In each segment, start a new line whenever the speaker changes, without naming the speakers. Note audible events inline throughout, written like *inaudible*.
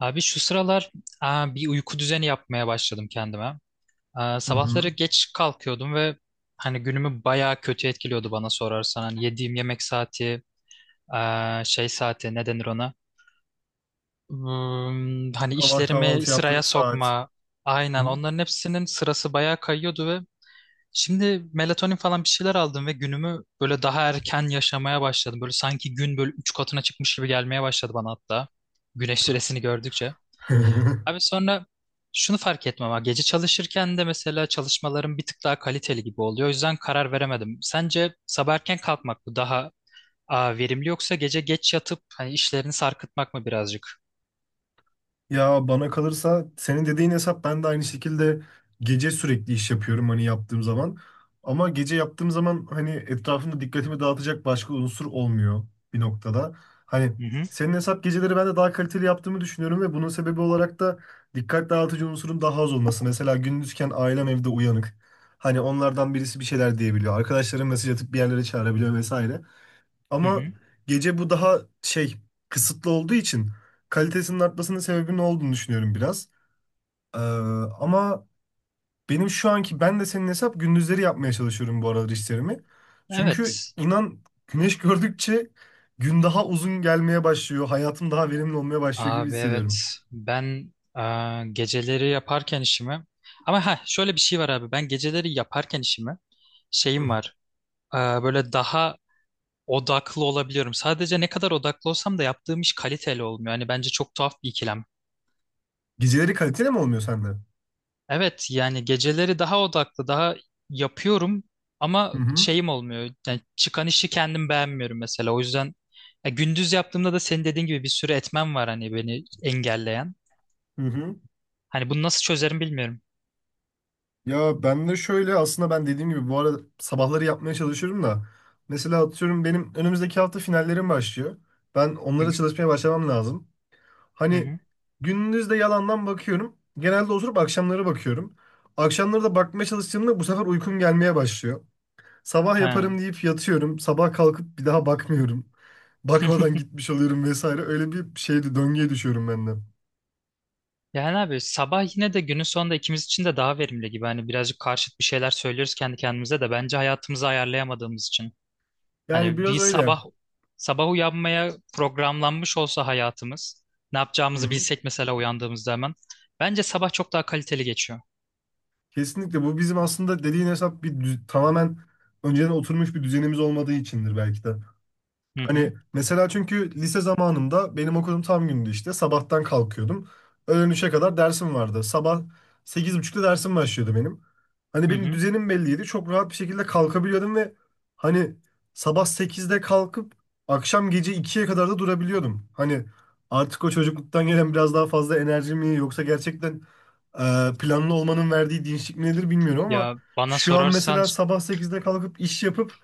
Abi şu sıralar bir uyku düzeni yapmaya başladım kendime.
Hı
Sabahları
hı.
geç kalkıyordum ve hani günümü bayağı kötü etkiliyordu bana sorarsan. Hani yediğim yemek saati, şey saati ne denir ona? Hani
Sabah
işlerimi
kahvaltı yaptığın
sıraya
saat.
sokma.
Hı.
Aynen onların hepsinin sırası bayağı kayıyordu ve şimdi melatonin falan bir şeyler aldım ve günümü böyle daha erken yaşamaya başladım. Böyle sanki gün böyle üç katına çıkmış gibi gelmeye başladı bana hatta. Güneş süresini gördükçe. Abi
*laughs*
sonra şunu fark etmem ha. Gece çalışırken de mesela çalışmalarım bir tık daha kaliteli gibi oluyor. O yüzden karar veremedim. Sence sabah erken kalkmak mı daha verimli yoksa gece geç yatıp hani işlerini sarkıtmak mı birazcık?
Ya bana kalırsa senin dediğin hesap ben de aynı şekilde gece sürekli iş yapıyorum hani yaptığım zaman. Ama gece yaptığım zaman hani etrafımda dikkatimi dağıtacak başka unsur olmuyor bir noktada. Hani
Hı hı.
senin hesap geceleri ben de daha kaliteli yaptığımı düşünüyorum ve bunun sebebi olarak da dikkat dağıtıcı unsurun daha az olması. Mesela gündüzken ailem evde uyanık. Hani onlardan birisi bir şeyler diyebiliyor. Arkadaşlarım mesaj atıp bir yerlere çağırabiliyor vesaire.
Hı
Ama
hı.
gece bu daha şey kısıtlı olduğu için kalitesinin artmasının sebebi ne olduğunu düşünüyorum biraz. Ee, ama benim şu anki ben de senin hesap gündüzleri yapmaya çalışıyorum bu aralar işlerimi. Çünkü
Evet.
inan güneş *laughs* gördükçe gün daha uzun gelmeye başlıyor. Hayatım daha verimli olmaya başlıyor gibi
Abi evet.
hissediyorum.
Ben geceleri yaparken işimi ama ha şöyle bir şey var abi. Ben geceleri yaparken işimi
Hı.
şeyim var. Böyle daha odaklı olabiliyorum. Sadece ne kadar odaklı olsam da yaptığım iş kaliteli olmuyor. Hani bence çok tuhaf bir ikilem.
Geceleri kaliteli mi olmuyor sende?
Evet yani geceleri daha odaklı, daha yapıyorum ama
Hı hı.
şeyim olmuyor. Yani çıkan işi kendim beğenmiyorum mesela. O yüzden ya gündüz yaptığımda da senin dediğin gibi bir sürü etmen var hani beni engelleyen.
Hı hı.
Hani bunu nasıl çözerim bilmiyorum.
Ya ben de şöyle aslında ben dediğim gibi bu arada sabahları yapmaya çalışıyorum da mesela atıyorum benim önümüzdeki hafta finallerim başlıyor. Ben
Hı hı.
onlara çalışmaya başlamam lazım.
Hı
Hani
hı.
gündüz de yalandan bakıyorum. Genelde oturup akşamları bakıyorum. Akşamları da bakmaya çalıştığımda bu sefer uykum gelmeye başlıyor. Sabah
Ha.
yaparım deyip yatıyorum. Sabah kalkıp bir daha bakmıyorum. *laughs*
*laughs*
Bakmadan gitmiş oluyorum vesaire. Öyle bir şeydi döngüye düşüyorum ben de.
Yani abi sabah yine de günün sonunda ikimiz için de daha verimli gibi. Hani birazcık karşıt bir şeyler söylüyoruz kendi kendimize de bence hayatımızı ayarlayamadığımız için.
Yani
Hani
biraz
bir
öyle.
sabah sabah uyanmaya programlanmış olsa hayatımız, ne
Hı
yapacağımızı
hı.
bilsek mesela uyandığımızda hemen. Bence sabah çok daha kaliteli geçiyor.
Kesinlikle bu bizim aslında dediğin hesap bir tamamen önceden oturmuş bir düzenimiz olmadığı içindir belki de.
Hı
Hani
hı,
mesela çünkü lise zamanımda benim okulum tam gündü işte sabahtan kalkıyordum. Öğlen 3'e kadar dersim vardı. Sabah sekiz buçukta dersim başlıyordu benim. Hani
hı
benim
hı.
düzenim belliydi. Çok rahat bir şekilde kalkabiliyordum ve hani sabah sekizde kalkıp akşam gece ikiye kadar da durabiliyordum. Hani artık o çocukluktan gelen biraz daha fazla enerji mi yoksa gerçekten planlı olmanın verdiği dinçlik nedir bilmiyorum ama
Ya bana
şu an
sorarsan,
mesela sabah 8'de kalkıp iş yapıp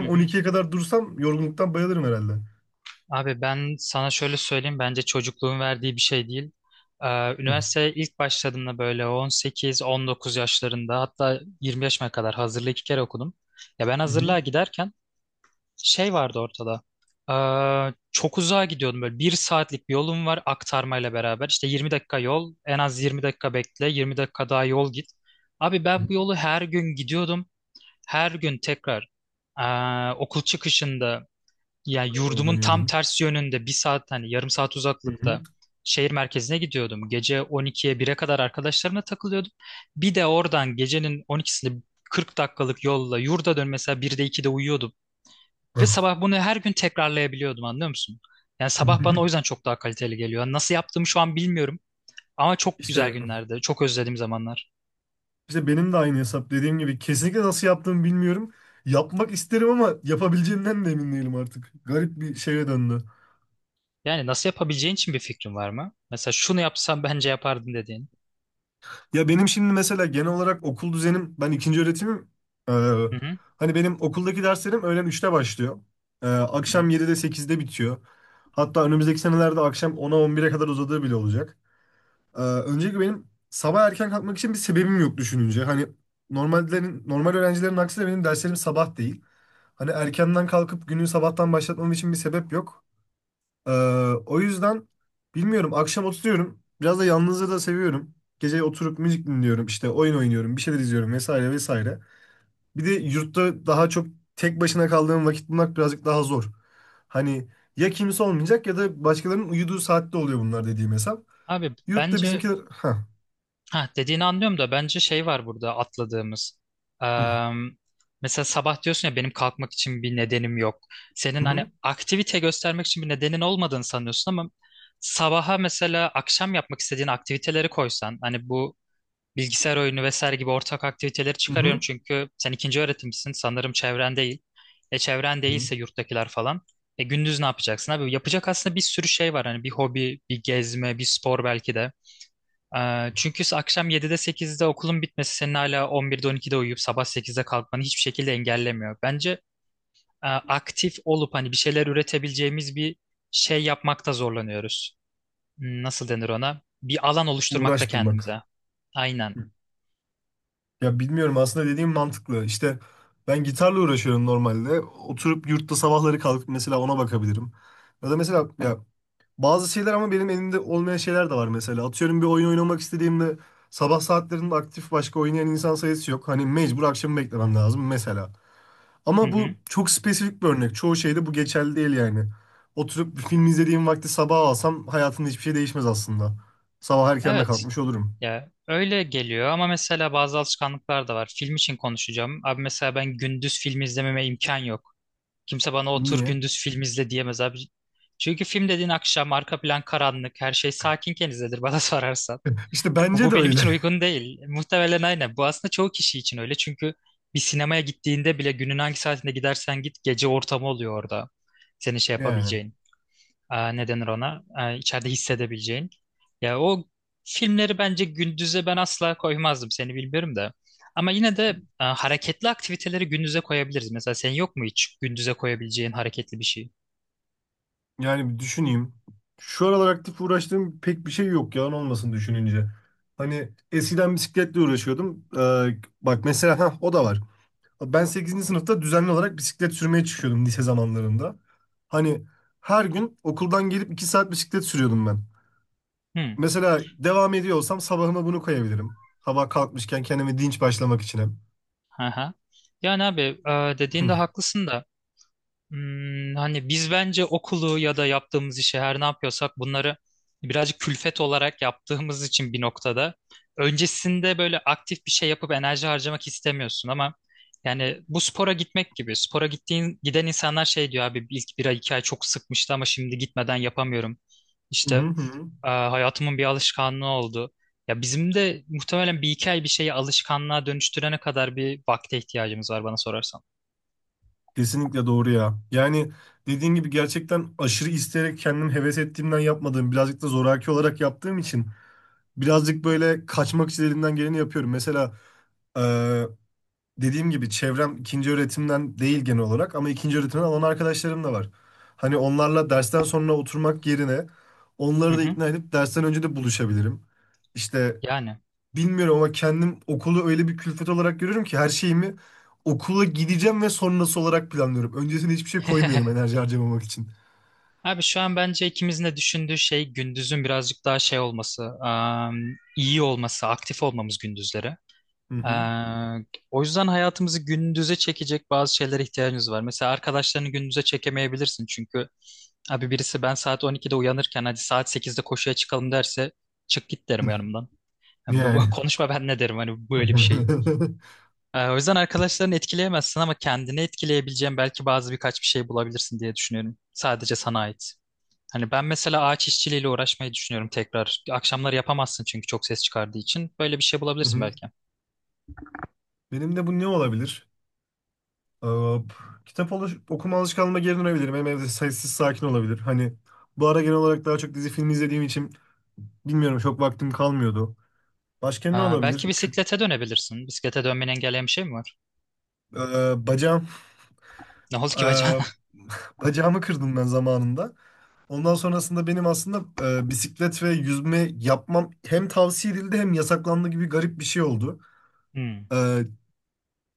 hı
on
hı.
ikiye kadar dursam yorgunluktan bayılırım herhalde.
Abi ben sana şöyle söyleyeyim, bence çocukluğun verdiği bir şey değil. Ee,
Hı
Üniversiteye ilk başladığımda böyle 18-19 yaşlarında hatta 20 yaşıma kadar hazırlığı iki kere okudum. Ya ben
hı.
hazırlığa giderken şey vardı ortada. Çok uzağa gidiyordum böyle bir saatlik bir yolum var aktarmayla beraber. İşte 20 dakika yol en az 20 dakika bekle 20 dakika daha yol git. Abi
Hı.
ben bu yolu her gün gidiyordum. Her gün tekrar okul çıkışında yani
Aynı yolu
yurdumun tam
dönüyordun.
ters yönünde bir saat hani yarım saat
Hı hı.
uzaklıkta şehir merkezine gidiyordum. Gece 12'ye bire kadar arkadaşlarımla takılıyordum. Bir de oradan gecenin 12'sinde 40 dakikalık yolla yurda dön mesela 1'de 2'de uyuyordum. Ve sabah bunu her gün tekrarlayabiliyordum anlıyor musun? Yani sabah bana o yüzden
*laughs*
çok daha kaliteli geliyor. Yani nasıl yaptığımı şu an bilmiyorum ama çok güzel
İşte
günlerde, çok özlediğim zamanlar.
işte benim de aynı hesap dediğim gibi kesinlikle nasıl yaptığımı bilmiyorum. Yapmak isterim ama yapabileceğimden de emin değilim artık. Garip bir şeye döndü.
Yani nasıl yapabileceğin için bir fikrin var mı? Mesela şunu yapsam bence yapardın dediğin.
Ya benim şimdi mesela genel olarak okul düzenim ben ikinci öğretimim. Ee,
Hı hı,
Hani benim okuldaki derslerim öğlen üçte başlıyor.
hı
Akşam
hı.
7'de sekizde bitiyor. Hatta önümüzdeki senelerde akşam ona on bire kadar uzadığı bile olacak. Öncelikle benim sabah erken kalkmak için bir sebebim yok düşününce. Hani normallerin normal öğrencilerin aksine benim derslerim sabah değil. Hani erkenden kalkıp günü sabahtan başlatmam için bir sebep yok. Ee, O yüzden bilmiyorum akşam oturuyorum. Biraz da yalnızlığı da seviyorum. Gece oturup müzik dinliyorum, işte oyun oynuyorum, bir şeyler izliyorum vesaire vesaire. Bir de yurtta daha çok tek başına kaldığım vakit bulmak birazcık daha zor. Hani ya kimse olmayacak ya da başkalarının uyuduğu saatte oluyor bunlar dediğim hesap.
Abi
Yurtta
bence
bizimkiler... Ha.
Ha, dediğini anlıyorum da bence şey var burada atladığımız.
Hı
Eee, Mesela sabah diyorsun ya benim kalkmak için bir nedenim yok. Senin hani
hı
aktivite göstermek için bir nedenin olmadığını sanıyorsun ama sabaha mesela akşam yapmak istediğin aktiviteleri koysan hani bu bilgisayar oyunu vesaire gibi ortak aktiviteleri
hı
çıkarıyorum
hı.
çünkü sen ikinci öğretimsin sanırım çevren değil. E çevren
Hı.
değilse yurttakiler falan. E gündüz ne yapacaksın abi? Yapacak aslında bir sürü şey var hani bir hobi, bir gezme, bir spor belki de. Çünkü akşam 7'de 8'de okulun bitmesi senin hala 11'de 12'de uyuyup sabah 8'de kalkmanı hiçbir şekilde engellemiyor. Bence aktif olup hani bir şeyler üretebileceğimiz bir şey yapmakta zorlanıyoruz. Nasıl denir ona? Bir alan oluşturmakta
Uğraş bulmak.
kendimize. Aynen.
Ya bilmiyorum aslında dediğim mantıklı. İşte ben gitarla uğraşıyorum normalde. Oturup yurtta sabahları kalkıp mesela ona bakabilirim. Ya da mesela ya bazı şeyler ama benim elimde olmayan şeyler de var mesela. Atıyorum bir oyun oynamak istediğimde sabah saatlerinde aktif başka oynayan insan sayısı yok. Hani mecbur akşamı beklemem lazım mesela.
Hı
Ama
hı.
bu çok spesifik bir örnek. Çoğu şeyde bu geçerli değil yani. Oturup bir film izlediğim vakti sabah alsam hayatımda hiçbir şey değişmez aslında. Sabah erken de
Evet.
kalkmış olurum.
Ya öyle geliyor ama mesela bazı alışkanlıklar da var. Film için konuşacağım. Abi mesela ben gündüz film izlememe imkan yok. Kimse bana otur
Niye?
gündüz film izle diyemez abi. Çünkü film dediğin akşam arka plan karanlık, her şey sakinken izlenir bana *laughs* sorarsan.
*laughs* İşte
Ha, Bu,
bence
bu
de
benim
öyle
için uygun değil. Muhtemelen aynen. Bu aslında çoğu kişi için öyle. Çünkü bir sinemaya gittiğinde bile günün hangi saatinde gidersen git gece ortamı oluyor orada. Senin şey
*laughs* yani.
yapabileceğin ne denir ona içeride hissedebileceğin. Ya o filmleri bence gündüze ben asla koymazdım seni bilmiyorum da. Ama yine de hareketli aktiviteleri gündüze koyabiliriz. Mesela senin yok mu hiç gündüze koyabileceğin hareketli bir şey?
Yani bir düşüneyim. Şu aralar aktif uğraştığım pek bir şey yok yalan olmasın düşününce. Hani eskiden bisikletle uğraşıyordum. Bak mesela ha o da var. Ben sekizinci sınıfta düzenli olarak bisiklet sürmeye çıkıyordum lise zamanlarında. Hani her gün okuldan gelip 2 saat bisiklet sürüyordum ben.
Hmm.
Mesela devam ediyor olsam sabahıma bunu koyabilirim. Sabah kalkmışken kendime dinç başlamak için
Aha. Yani abi dediğinde haklısın da. Hani biz bence okulu ya da yaptığımız işi her ne yapıyorsak bunları birazcık külfet olarak yaptığımız için bir noktada öncesinde böyle aktif bir şey yapıp enerji harcamak istemiyorsun ama yani bu spora gitmek gibi spora gittiğin giden insanlar şey diyor abi ilk bir ay iki ay çok sıkmıştı ama şimdi gitmeden yapamıyorum. İşte
hem. *laughs*
hayatımın bir alışkanlığı oldu. Ya bizim de muhtemelen bir iki ay bir şeyi alışkanlığa dönüştürene kadar bir vakte ihtiyacımız var bana sorarsan.
Kesinlikle doğru ya. Yani dediğin gibi gerçekten aşırı isteyerek kendim heves ettiğimden yapmadığım, birazcık da zoraki olarak yaptığım için birazcık böyle kaçmak için elimden geleni yapıyorum. Mesela Ee, dediğim gibi çevrem ikinci öğretimden değil genel olarak ama ikinci öğretimden olan arkadaşlarım da var. Hani onlarla dersten sonra oturmak yerine
Hı
onları da
hı.
ikna edip dersten önce de buluşabilirim. İşte
Yani.
bilmiyorum ama kendim okulu öyle bir külfet olarak görüyorum ki her şeyimi okula gideceğim ve sonrası olarak planlıyorum. Öncesine hiçbir şey koymuyorum
*laughs*
enerji harcamamak için.
Abi şu an bence ikimizin de düşündüğü şey gündüzün birazcık daha şey olması, iyi olması, aktif olmamız gündüzleri.
Hı hı.
Eee, O yüzden hayatımızı gündüze çekecek bazı şeylere ihtiyacımız var. Mesela arkadaşlarını gündüze çekemeyebilirsin çünkü abi birisi ben saat 12'de uyanırken hadi saat 8'de koşuya çıkalım derse çık git
Hı.
derim yanımdan. Yani
Yani.
konuşma ben ne derim hani böyle bir şey.
*laughs*
O yüzden arkadaşlarını etkileyemezsin ama kendini etkileyebileceğin belki bazı birkaç bir şey bulabilirsin diye düşünüyorum. Sadece sana ait. Hani ben mesela ağaç işçiliğiyle uğraşmayı düşünüyorum tekrar. Akşamları yapamazsın çünkü çok ses çıkardığı için. Böyle bir şey
Hı
bulabilirsin
hı.
belki.
Benim de bu ne olabilir? Hop. Okuma alışkanlığıma geri dönebilirim. Hem evde sessiz sakin olabilir. Hani bu ara genel olarak daha çok dizi film izlediğim için bilmiyorum çok vaktim kalmıyordu. Başka ne
Belki
olabilir?
bisiklete dönebilirsin. Bisiklete dönmeni engelleyen bir şey mi var?
Eee, bacağım,
*laughs* Ne oldu ki bacağına?
eee, bacağımı kırdım ben zamanında. Ondan sonrasında benim aslında bisiklet ve yüzme yapmam hem tavsiye edildi hem yasaklandı gibi garip bir şey oldu.
*laughs* Hmm.
E,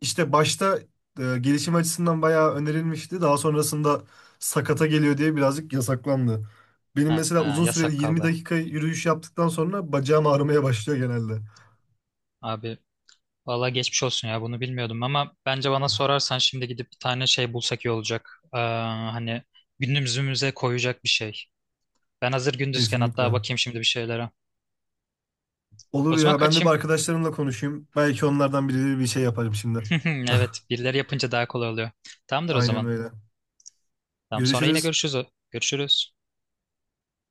işte başta gelişim açısından bayağı önerilmişti. Daha sonrasında sakata geliyor diye birazcık yasaklandı. Benim
Ha,
mesela
ha,
uzun süreli
yasak
20
kaldı.
dakika yürüyüş yaptıktan sonra bacağım ağrımaya başlıyor genelde.
Abi valla geçmiş olsun ya bunu bilmiyordum ama bence bana sorarsan şimdi gidip bir tane şey bulsak iyi olacak. Hani gündüzümüze koyacak bir şey. Ben hazır gündüzken hatta
Kesinlikle.
bakayım şimdi bir şeylere. O
Olur
zaman
ya ben de bir
kaçayım.
arkadaşlarımla konuşayım. Belki onlardan biri bir şey yaparım şimdi.
*laughs*
*laughs*
Evet, birileri yapınca daha kolay oluyor. Tamamdır o
Aynen
zaman.
öyle.
Tamam, sonra yine
Görüşürüz.
görüşürüz. Görüşürüz.